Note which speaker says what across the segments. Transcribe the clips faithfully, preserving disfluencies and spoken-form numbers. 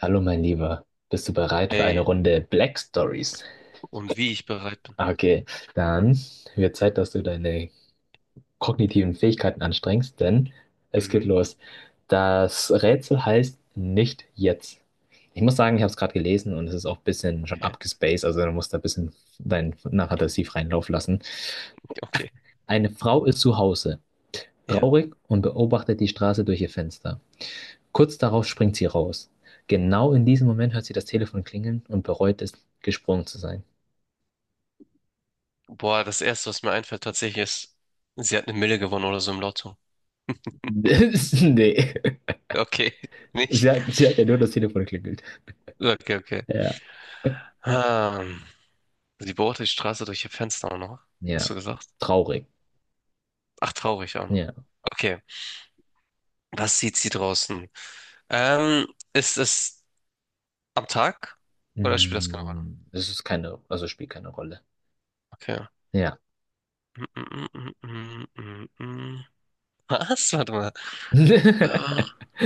Speaker 1: Hallo, mein Lieber. Bist du bereit für eine
Speaker 2: Hey,
Speaker 1: Runde Black Stories?
Speaker 2: und wie ich bereit bin.
Speaker 1: Okay, dann wird Zeit, dass du deine kognitiven Fähigkeiten anstrengst, denn es geht
Speaker 2: Mhm,
Speaker 1: los. Das Rätsel heißt nicht jetzt. Ich muss sagen, ich habe es gerade gelesen und es ist auch ein bisschen schon
Speaker 2: okay,
Speaker 1: abgespaced, also du musst da ein bisschen deinen Narrativ freien Lauf lassen.
Speaker 2: okay.
Speaker 1: Eine Frau ist zu Hause,
Speaker 2: Ja.
Speaker 1: traurig und beobachtet die Straße durch ihr Fenster. Kurz darauf springt sie raus. Genau in diesem Moment hört sie das Telefon klingeln und bereut es, gesprungen zu sein.
Speaker 2: Boah, das Erste, was mir einfällt tatsächlich ist, sie hat eine Mille gewonnen oder so im Lotto.
Speaker 1: Nee.
Speaker 2: Okay, nicht?
Speaker 1: Sie hat, sie hat ja nur das Telefon geklingelt.
Speaker 2: Okay, okay.
Speaker 1: Ja.
Speaker 2: Hm. Sie beobachtet die Straße durch ihr Fenster auch noch. Hast
Speaker 1: Ja.
Speaker 2: du gesagt?
Speaker 1: Traurig.
Speaker 2: Ach, traurig auch noch.
Speaker 1: Ja.
Speaker 2: Okay, was sieht sie draußen? Ähm, ist es am Tag oder spielt das keine Rolle?
Speaker 1: Mm, das ist keine, also spielt keine Rolle.
Speaker 2: Okay.
Speaker 1: Ja.
Speaker 2: Mm, mm, mm, mm, mm, mm. Was? Warte mal. Ah,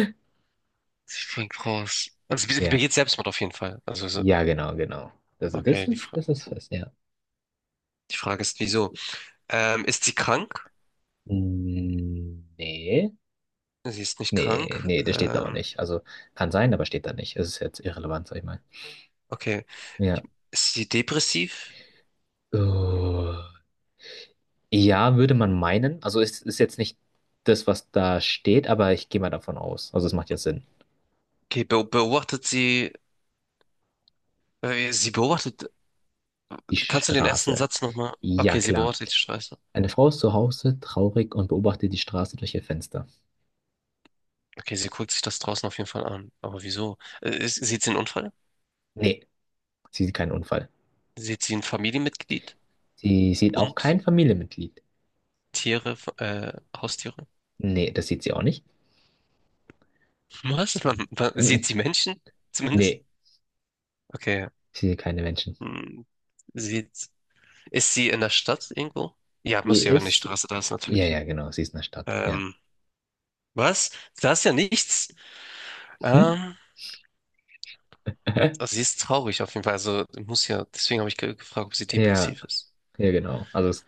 Speaker 2: sie springt raus. Also sie
Speaker 1: Ja.
Speaker 2: begeht Selbstmord auf jeden Fall. Also so-
Speaker 1: Ja, genau, genau. Also das
Speaker 2: okay, die
Speaker 1: ist,
Speaker 2: Fra
Speaker 1: das ist fest, ja.
Speaker 2: die Frage ist, wieso? Ähm, ist sie krank?
Speaker 1: Mm, nee.
Speaker 2: Sie ist nicht
Speaker 1: Nee,
Speaker 2: krank.
Speaker 1: nee, das steht da auch
Speaker 2: Ähm,
Speaker 1: nicht. Also kann sein, aber steht da nicht. Es ist jetzt irrelevant, sag ich mal.
Speaker 2: okay,
Speaker 1: Ja.
Speaker 2: ist sie depressiv?
Speaker 1: Uh, ja, würde man meinen. Also es ist jetzt nicht das, was da steht, aber ich gehe mal davon aus. Also es macht ja Sinn.
Speaker 2: Okay, be beobachtet sie, äh, sie beobachtet,
Speaker 1: Die
Speaker 2: kannst du den ersten
Speaker 1: Straße.
Speaker 2: Satz nochmal?
Speaker 1: Ja,
Speaker 2: Okay, sie
Speaker 1: klar.
Speaker 2: beobachtet die Straße.
Speaker 1: Eine Frau ist zu Hause traurig und beobachtet die Straße durch ihr Fenster.
Speaker 2: Okay, sie guckt sich das draußen auf jeden Fall an. Aber wieso? Äh, ist, sieht sie einen Unfall?
Speaker 1: Nee, sie sieht keinen Unfall.
Speaker 2: Sieht sie ein Familienmitglied?
Speaker 1: Sie sieht auch
Speaker 2: Hund?
Speaker 1: kein Familienmitglied.
Speaker 2: Tiere? Äh, Haustiere?
Speaker 1: Nee, das sieht sie auch nicht.
Speaker 2: Was? Man, man,
Speaker 1: Mm,
Speaker 2: sieht sie Menschen? Zumindest?
Speaker 1: nee,
Speaker 2: Okay.
Speaker 1: sie sieht keine Menschen.
Speaker 2: Hm, Sieht Ist sie in der Stadt irgendwo? Ja,
Speaker 1: Sie
Speaker 2: muss ja, wenn die
Speaker 1: ist.
Speaker 2: Straße da ist,
Speaker 1: Ja,
Speaker 2: natürlich.
Speaker 1: ja, genau, sie ist in der Stadt. Ja.
Speaker 2: Ähm, was? Da ist ja nichts.
Speaker 1: Hm?
Speaker 2: Ähm, also sie ist traurig auf jeden Fall. Also muss ja, deswegen habe ich ge- gefragt, ob sie
Speaker 1: Ja,
Speaker 2: depressiv ist.
Speaker 1: ja, genau. Also, es,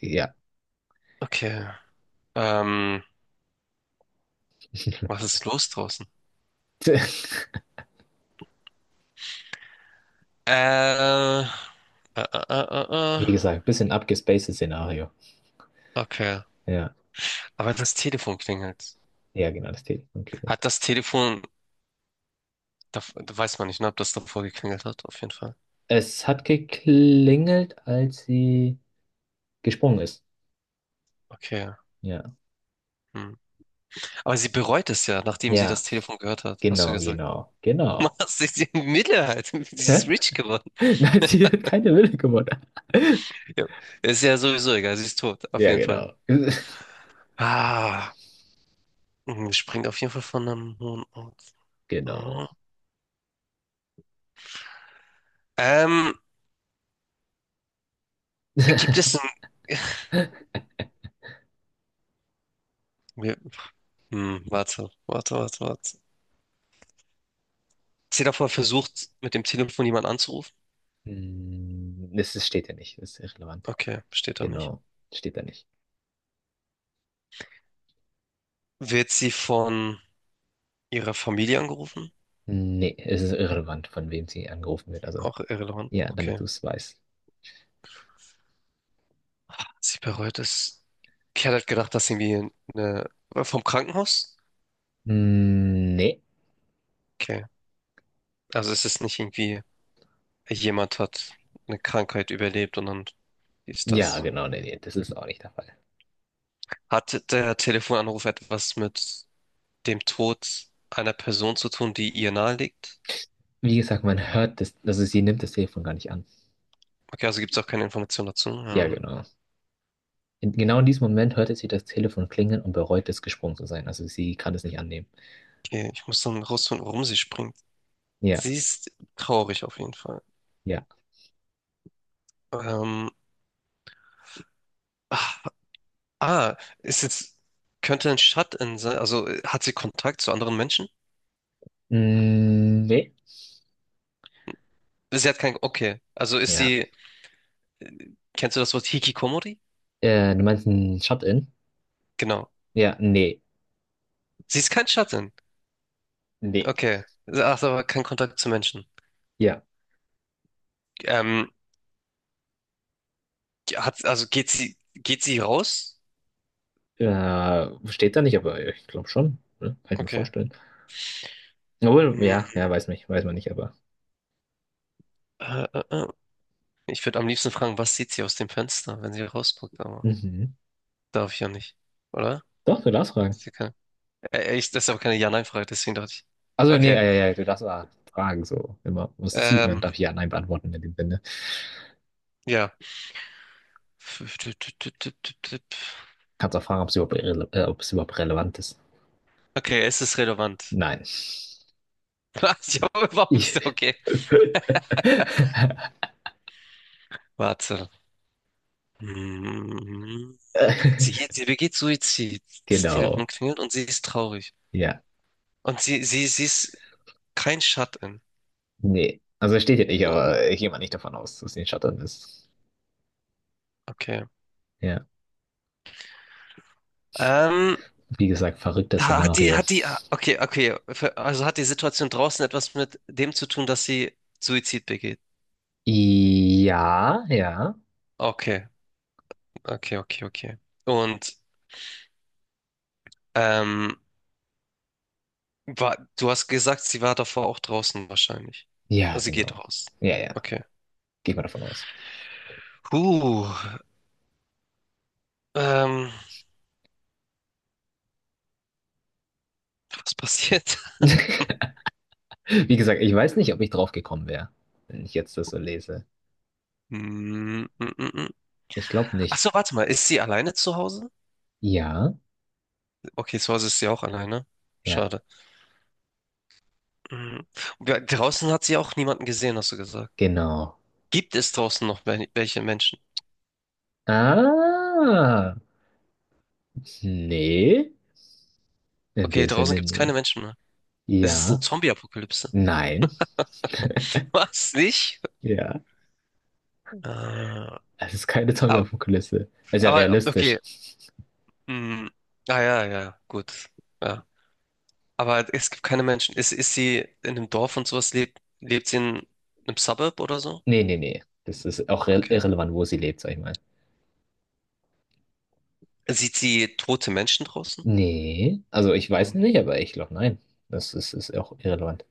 Speaker 1: ja.
Speaker 2: Okay. Ähm, was ist los draußen? Äh, äh, äh, äh, äh.
Speaker 1: Wie
Speaker 2: äh.
Speaker 1: gesagt, bisschen abgespacedes Szenario.
Speaker 2: Okay.
Speaker 1: Ja,
Speaker 2: Aber das Telefon klingelt.
Speaker 1: ja, genau, das Telefon klingelt.
Speaker 2: Hat das Telefon, da, da weiß man nicht, ne, ob das davor geklingelt hat, auf jeden Fall.
Speaker 1: Es hat geklingelt, als sie gesprungen ist.
Speaker 2: Okay.
Speaker 1: Ja.
Speaker 2: Hm. Aber sie bereut es ja, nachdem sie
Speaker 1: Ja,
Speaker 2: das Telefon gehört hat, hast du
Speaker 1: genau,
Speaker 2: gesagt.
Speaker 1: genau, genau.
Speaker 2: Machst dich die Minderheit. Sie ist
Speaker 1: Hä?
Speaker 2: rich geworden.
Speaker 1: Nein, sie hat keine Wille gewonnen.
Speaker 2: Ja. Ist ja sowieso egal, sie ist tot, auf
Speaker 1: Ja,
Speaker 2: jeden Fall.
Speaker 1: genau.
Speaker 2: Ah, mh, springt auf jeden Fall von einem hohen Ort.
Speaker 1: Genau.
Speaker 2: Aha. Ähm, gibt es ein... wir- Hm, warte, warte, warte, warte. Ist sie davor versucht, mit dem Telefon jemanden anzurufen?
Speaker 1: Hm, es ist- steht ja nicht, es ist irrelevant.
Speaker 2: Okay, steht da nicht.
Speaker 1: Genau, steht da nicht.
Speaker 2: Wird sie von ihrer Familie angerufen?
Speaker 1: Nee, es ist irrelevant, von wem sie angerufen wird. Also,
Speaker 2: Auch irrelevant,
Speaker 1: ja, damit
Speaker 2: okay.
Speaker 1: du es weißt.
Speaker 2: Sie bereut es. Ich hatte gedacht, dass irgendwie eine... vom Krankenhaus?
Speaker 1: Hm, nee.
Speaker 2: Okay, also es ist nicht irgendwie... jemand hat eine Krankheit überlebt und dann ist
Speaker 1: Ja,
Speaker 2: das.
Speaker 1: genau, nee, nee, das ist auch nicht der Fall.
Speaker 2: Hat der Telefonanruf etwas mit dem Tod einer Person zu tun, die ihr nahe liegt?
Speaker 1: Wie gesagt, man hört das, also sie nimmt das Telefon gar nicht an.
Speaker 2: Okay, also gibt es auch keine Information dazu.
Speaker 1: Ja,
Speaker 2: Ja.
Speaker 1: genau. In, genau in diesem Moment hörte sie das Telefon klingeln und bereut es, gesprungen zu sein. Also sie kann es nicht annehmen.
Speaker 2: Okay, ich muss dann rausfinden, warum sie springt.
Speaker 1: Ja,
Speaker 2: Sie ist traurig auf jeden Fall.
Speaker 1: ja.
Speaker 2: Ähm, ah, ah, ist jetzt, könnte ein Shut-in sein, also äh, hat sie Kontakt zu anderen Menschen?
Speaker 1: Mm, nee.
Speaker 2: Sie hat kein, okay, also ist
Speaker 1: Ja.
Speaker 2: sie, kennst du das Wort Hikikomori?
Speaker 1: Äh, du meinst ein Shut-in?
Speaker 2: Genau.
Speaker 1: Ja, nee.
Speaker 2: Sie ist kein shut
Speaker 1: Nee.
Speaker 2: okay. Ach, so, aber kein Kontakt zu Menschen.
Speaker 1: Ja.
Speaker 2: Ähm, hat, also geht sie, geht sie raus?
Speaker 1: Äh, steht da nicht, aber ich glaube schon. Ne? Kann ich mir
Speaker 2: Okay.
Speaker 1: vorstellen. Obwohl,
Speaker 2: Hm,
Speaker 1: ja, ja, weiß nicht, weiß man nicht, aber.
Speaker 2: äh, äh, äh. Ich würde am liebsten fragen, was sieht sie aus dem Fenster, wenn sie rausguckt, aber
Speaker 1: Mhm.
Speaker 2: darf ich ja nicht, oder?
Speaker 1: Doch, du darfst fragen.
Speaker 2: Sie kann, äh, äh, ich, das ist aber keine Ja-Nein-Frage, deswegen dachte ich.
Speaker 1: Also, nee,
Speaker 2: Okay.
Speaker 1: äh, ja, ja, du darfst auch fragen, so immer. Was zieht, und dann
Speaker 2: Ähm,
Speaker 1: darf ich ja Nein beantworten in dem Sinne.
Speaker 2: ja.
Speaker 1: Kannst auch fragen, ob es überhaupt, irrele- äh, ob es überhaupt relevant ist.
Speaker 2: Okay, es ist relevant.
Speaker 1: Nein.
Speaker 2: Ich habe warum
Speaker 1: Ich.
Speaker 2: ist okay? Warte. Hm. Sie, geht- sie begeht Suizid. Das Telefon
Speaker 1: Genau.
Speaker 2: klingelt und sie ist traurig.
Speaker 1: Ja.
Speaker 2: Und sie, sie, sie ist kein Shut-in.
Speaker 1: Nee, also steht hier nicht,
Speaker 2: Oh,
Speaker 1: aber ich gehe mal nicht davon aus, dass sie in Schottland ist.
Speaker 2: okay.
Speaker 1: Ja,
Speaker 2: Ähm,
Speaker 1: wie gesagt, verrücktes
Speaker 2: ha- hat die,
Speaker 1: Szenario.
Speaker 2: hat die, ah, okay, okay. Ver- Also hat die Situation draußen etwas mit dem zu tun, dass sie Suizid begeht?
Speaker 1: Ja, ja.
Speaker 2: Okay, okay, okay, okay. Und ähm, war, du hast gesagt, sie war davor auch draußen wahrscheinlich.
Speaker 1: Ja,
Speaker 2: Also sie geht
Speaker 1: genau.
Speaker 2: raus.
Speaker 1: Ja, ja.
Speaker 2: Okay.
Speaker 1: Gehe mal davon aus.
Speaker 2: Huh, ähm, was passiert?
Speaker 1: Wie gesagt, ich weiß nicht, ob ich drauf gekommen wäre, wenn ich jetzt das so lese.
Speaker 2: Mm, mm, mm, mm.
Speaker 1: Ich glaube
Speaker 2: Ach
Speaker 1: nicht.
Speaker 2: so, warte mal, ist sie alleine zu Hause?
Speaker 1: Ja,
Speaker 2: Okay, zu Hause ist sie auch alleine.
Speaker 1: ja,
Speaker 2: Schade. Mhm. Und wir- Draußen hat sie auch niemanden gesehen, hast du gesagt.
Speaker 1: genau.
Speaker 2: Gibt es draußen noch wel- welche Menschen?
Speaker 1: Ah, nee, in
Speaker 2: Okay,
Speaker 1: dem
Speaker 2: draußen
Speaker 1: Sinne
Speaker 2: gibt es keine
Speaker 1: nicht.
Speaker 2: Menschen mehr. Es ist eine
Speaker 1: Ja,
Speaker 2: Zombie-Apokalypse.
Speaker 1: nein,
Speaker 2: Was, nicht?
Speaker 1: ja.
Speaker 2: Äh,
Speaker 1: Es ist keine
Speaker 2: aber,
Speaker 1: Zombie-Apokalypse. Es ist ja
Speaker 2: aber, okay.
Speaker 1: realistisch.
Speaker 2: Hm. Ah, ja, ja, gut. Ja. Aber es gibt keine Menschen. Ist, ist sie in einem Dorf und sowas? Lebt, lebt sie in einem Suburb oder so?
Speaker 1: Nee, nee, nee. Das ist auch re-
Speaker 2: Okay.
Speaker 1: irrelevant, wo sie lebt, sag ich mal.
Speaker 2: Sieht sie tote Menschen draußen?
Speaker 1: Nee, also ich weiß
Speaker 2: Auch
Speaker 1: nicht,
Speaker 2: nicht.
Speaker 1: aber ich glaube, nein. Das ist, ist auch irrelevant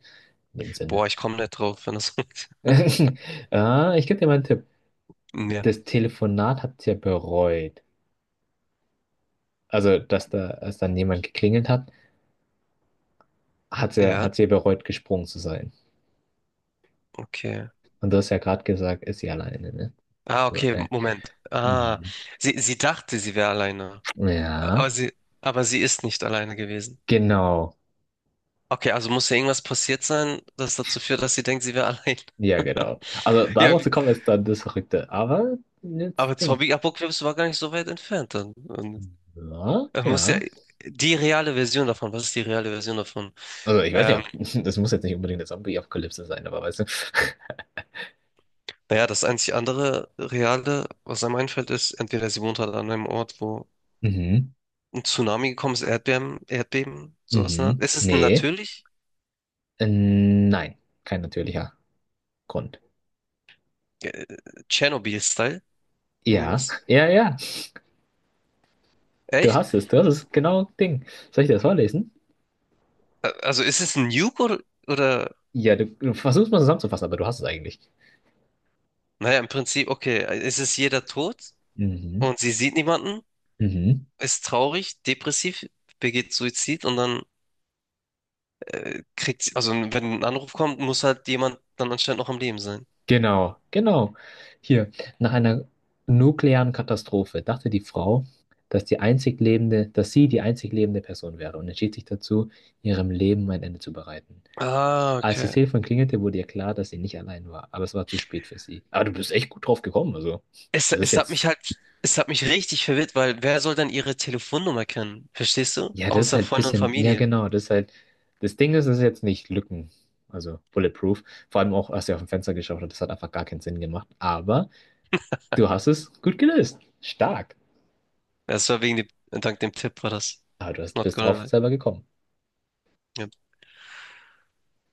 Speaker 1: in dem Sinne.
Speaker 2: Boah, ich komme nicht drauf, wenn das.
Speaker 1: Ah, ich gebe dir mal einen Tipp.
Speaker 2: Ja.
Speaker 1: Das Telefonat hat sie ja bereut. Also, dass da, als dann jemand geklingelt hat, hat sie, ja, hat
Speaker 2: Ja,
Speaker 1: sie ja bereut, gesprungen zu sein.
Speaker 2: okay.
Speaker 1: Und du hast ja gerade gesagt, ist sie alleine, ne?
Speaker 2: Ah,
Speaker 1: Also,
Speaker 2: okay,
Speaker 1: der,
Speaker 2: Moment. Ah,
Speaker 1: mhm.
Speaker 2: sie, sie dachte, sie wäre alleine. Aber
Speaker 1: Ja,
Speaker 2: sie, aber sie ist nicht alleine gewesen.
Speaker 1: genau.
Speaker 2: Okay, also muss ja irgendwas passiert sein, das dazu führt, dass sie denkt, sie wäre allein.
Speaker 1: Ja, genau. Also,
Speaker 2: Ja,
Speaker 1: darauf
Speaker 2: wie-
Speaker 1: zu kommen, ist dann das Verrückte. Aber,
Speaker 2: aber
Speaker 1: jetzt Ding.
Speaker 2: Zombie Apocalypse war gar nicht so weit entfernt dann. Und
Speaker 1: Ja,
Speaker 2: er muss ja
Speaker 1: ja.
Speaker 2: die reale Version davon, was ist die reale Version davon?
Speaker 1: Also ich weiß nicht,
Speaker 2: Ähm,
Speaker 1: ob, das muss jetzt nicht unbedingt eine Zombie-Apokalypse sein, aber weißt du.
Speaker 2: naja, das einzig andere reale, was einem einfällt, ist, entweder sie wohnt halt an einem Ort, wo
Speaker 1: Mhm.
Speaker 2: ein Tsunami gekommen ist, Erdbeben, Erdbeben, sowas. In der Art.
Speaker 1: Mhm.
Speaker 2: Es ist
Speaker 1: Nee.
Speaker 2: natürlich
Speaker 1: Äh, nein. Kein natürlicher Grund.
Speaker 2: äh, Tschernobyl-Style.
Speaker 1: Ja.
Speaker 2: Irgendwas?
Speaker 1: Ja, ja. Du
Speaker 2: Echt?
Speaker 1: hast es. Du hast es. Genau Ding. Soll ich dir das vorlesen?
Speaker 2: Ä- also ist es ein Nuke oder, oder,
Speaker 1: Ja, du, du versuchst mal zusammenzufassen, aber du hast es eigentlich.
Speaker 2: naja, im Prinzip, okay, es ist jeder tot
Speaker 1: Mhm.
Speaker 2: und sie sieht niemanden,
Speaker 1: Mhm.
Speaker 2: ist traurig, depressiv, begeht Suizid und dann kriegt sie, also wenn ein Anruf kommt, muss halt jemand dann anscheinend noch am Leben sein.
Speaker 1: Genau. Genau. Hier. Nach einer nuklearen Katastrophe dachte die Frau, dass die einzig lebende, dass sie die einzig lebende Person wäre und entschied sich dazu, ihrem Leben ein Ende zu bereiten.
Speaker 2: Ah,
Speaker 1: Als das
Speaker 2: okay.
Speaker 1: Telefon klingelte, wurde ihr klar, dass sie nicht allein war, aber es war zu spät für sie. Aber du bist echt gut drauf gekommen, also.
Speaker 2: Es,
Speaker 1: Das ist
Speaker 2: es hat mich
Speaker 1: jetzt.
Speaker 2: halt, es hat mich richtig verwirrt, weil wer soll dann ihre Telefonnummer kennen? Verstehst du?
Speaker 1: Ja, das ist
Speaker 2: Außer
Speaker 1: halt ein
Speaker 2: Freunde und
Speaker 1: bisschen. Ja,
Speaker 2: Familie.
Speaker 1: genau, das ist halt. Das Ding ist, es ist jetzt nicht Lücken. Also bulletproof. Vor allem auch, als sie auf dem Fenster geschaut hat, das hat einfach gar keinen Sinn gemacht. Aber du hast es gut gelöst. Stark.
Speaker 2: Das war wegen dem, dank dem Tipp war das.
Speaker 1: Aber du hast,
Speaker 2: Not
Speaker 1: bist drauf
Speaker 2: gonna lie.
Speaker 1: selber gekommen.
Speaker 2: Ja,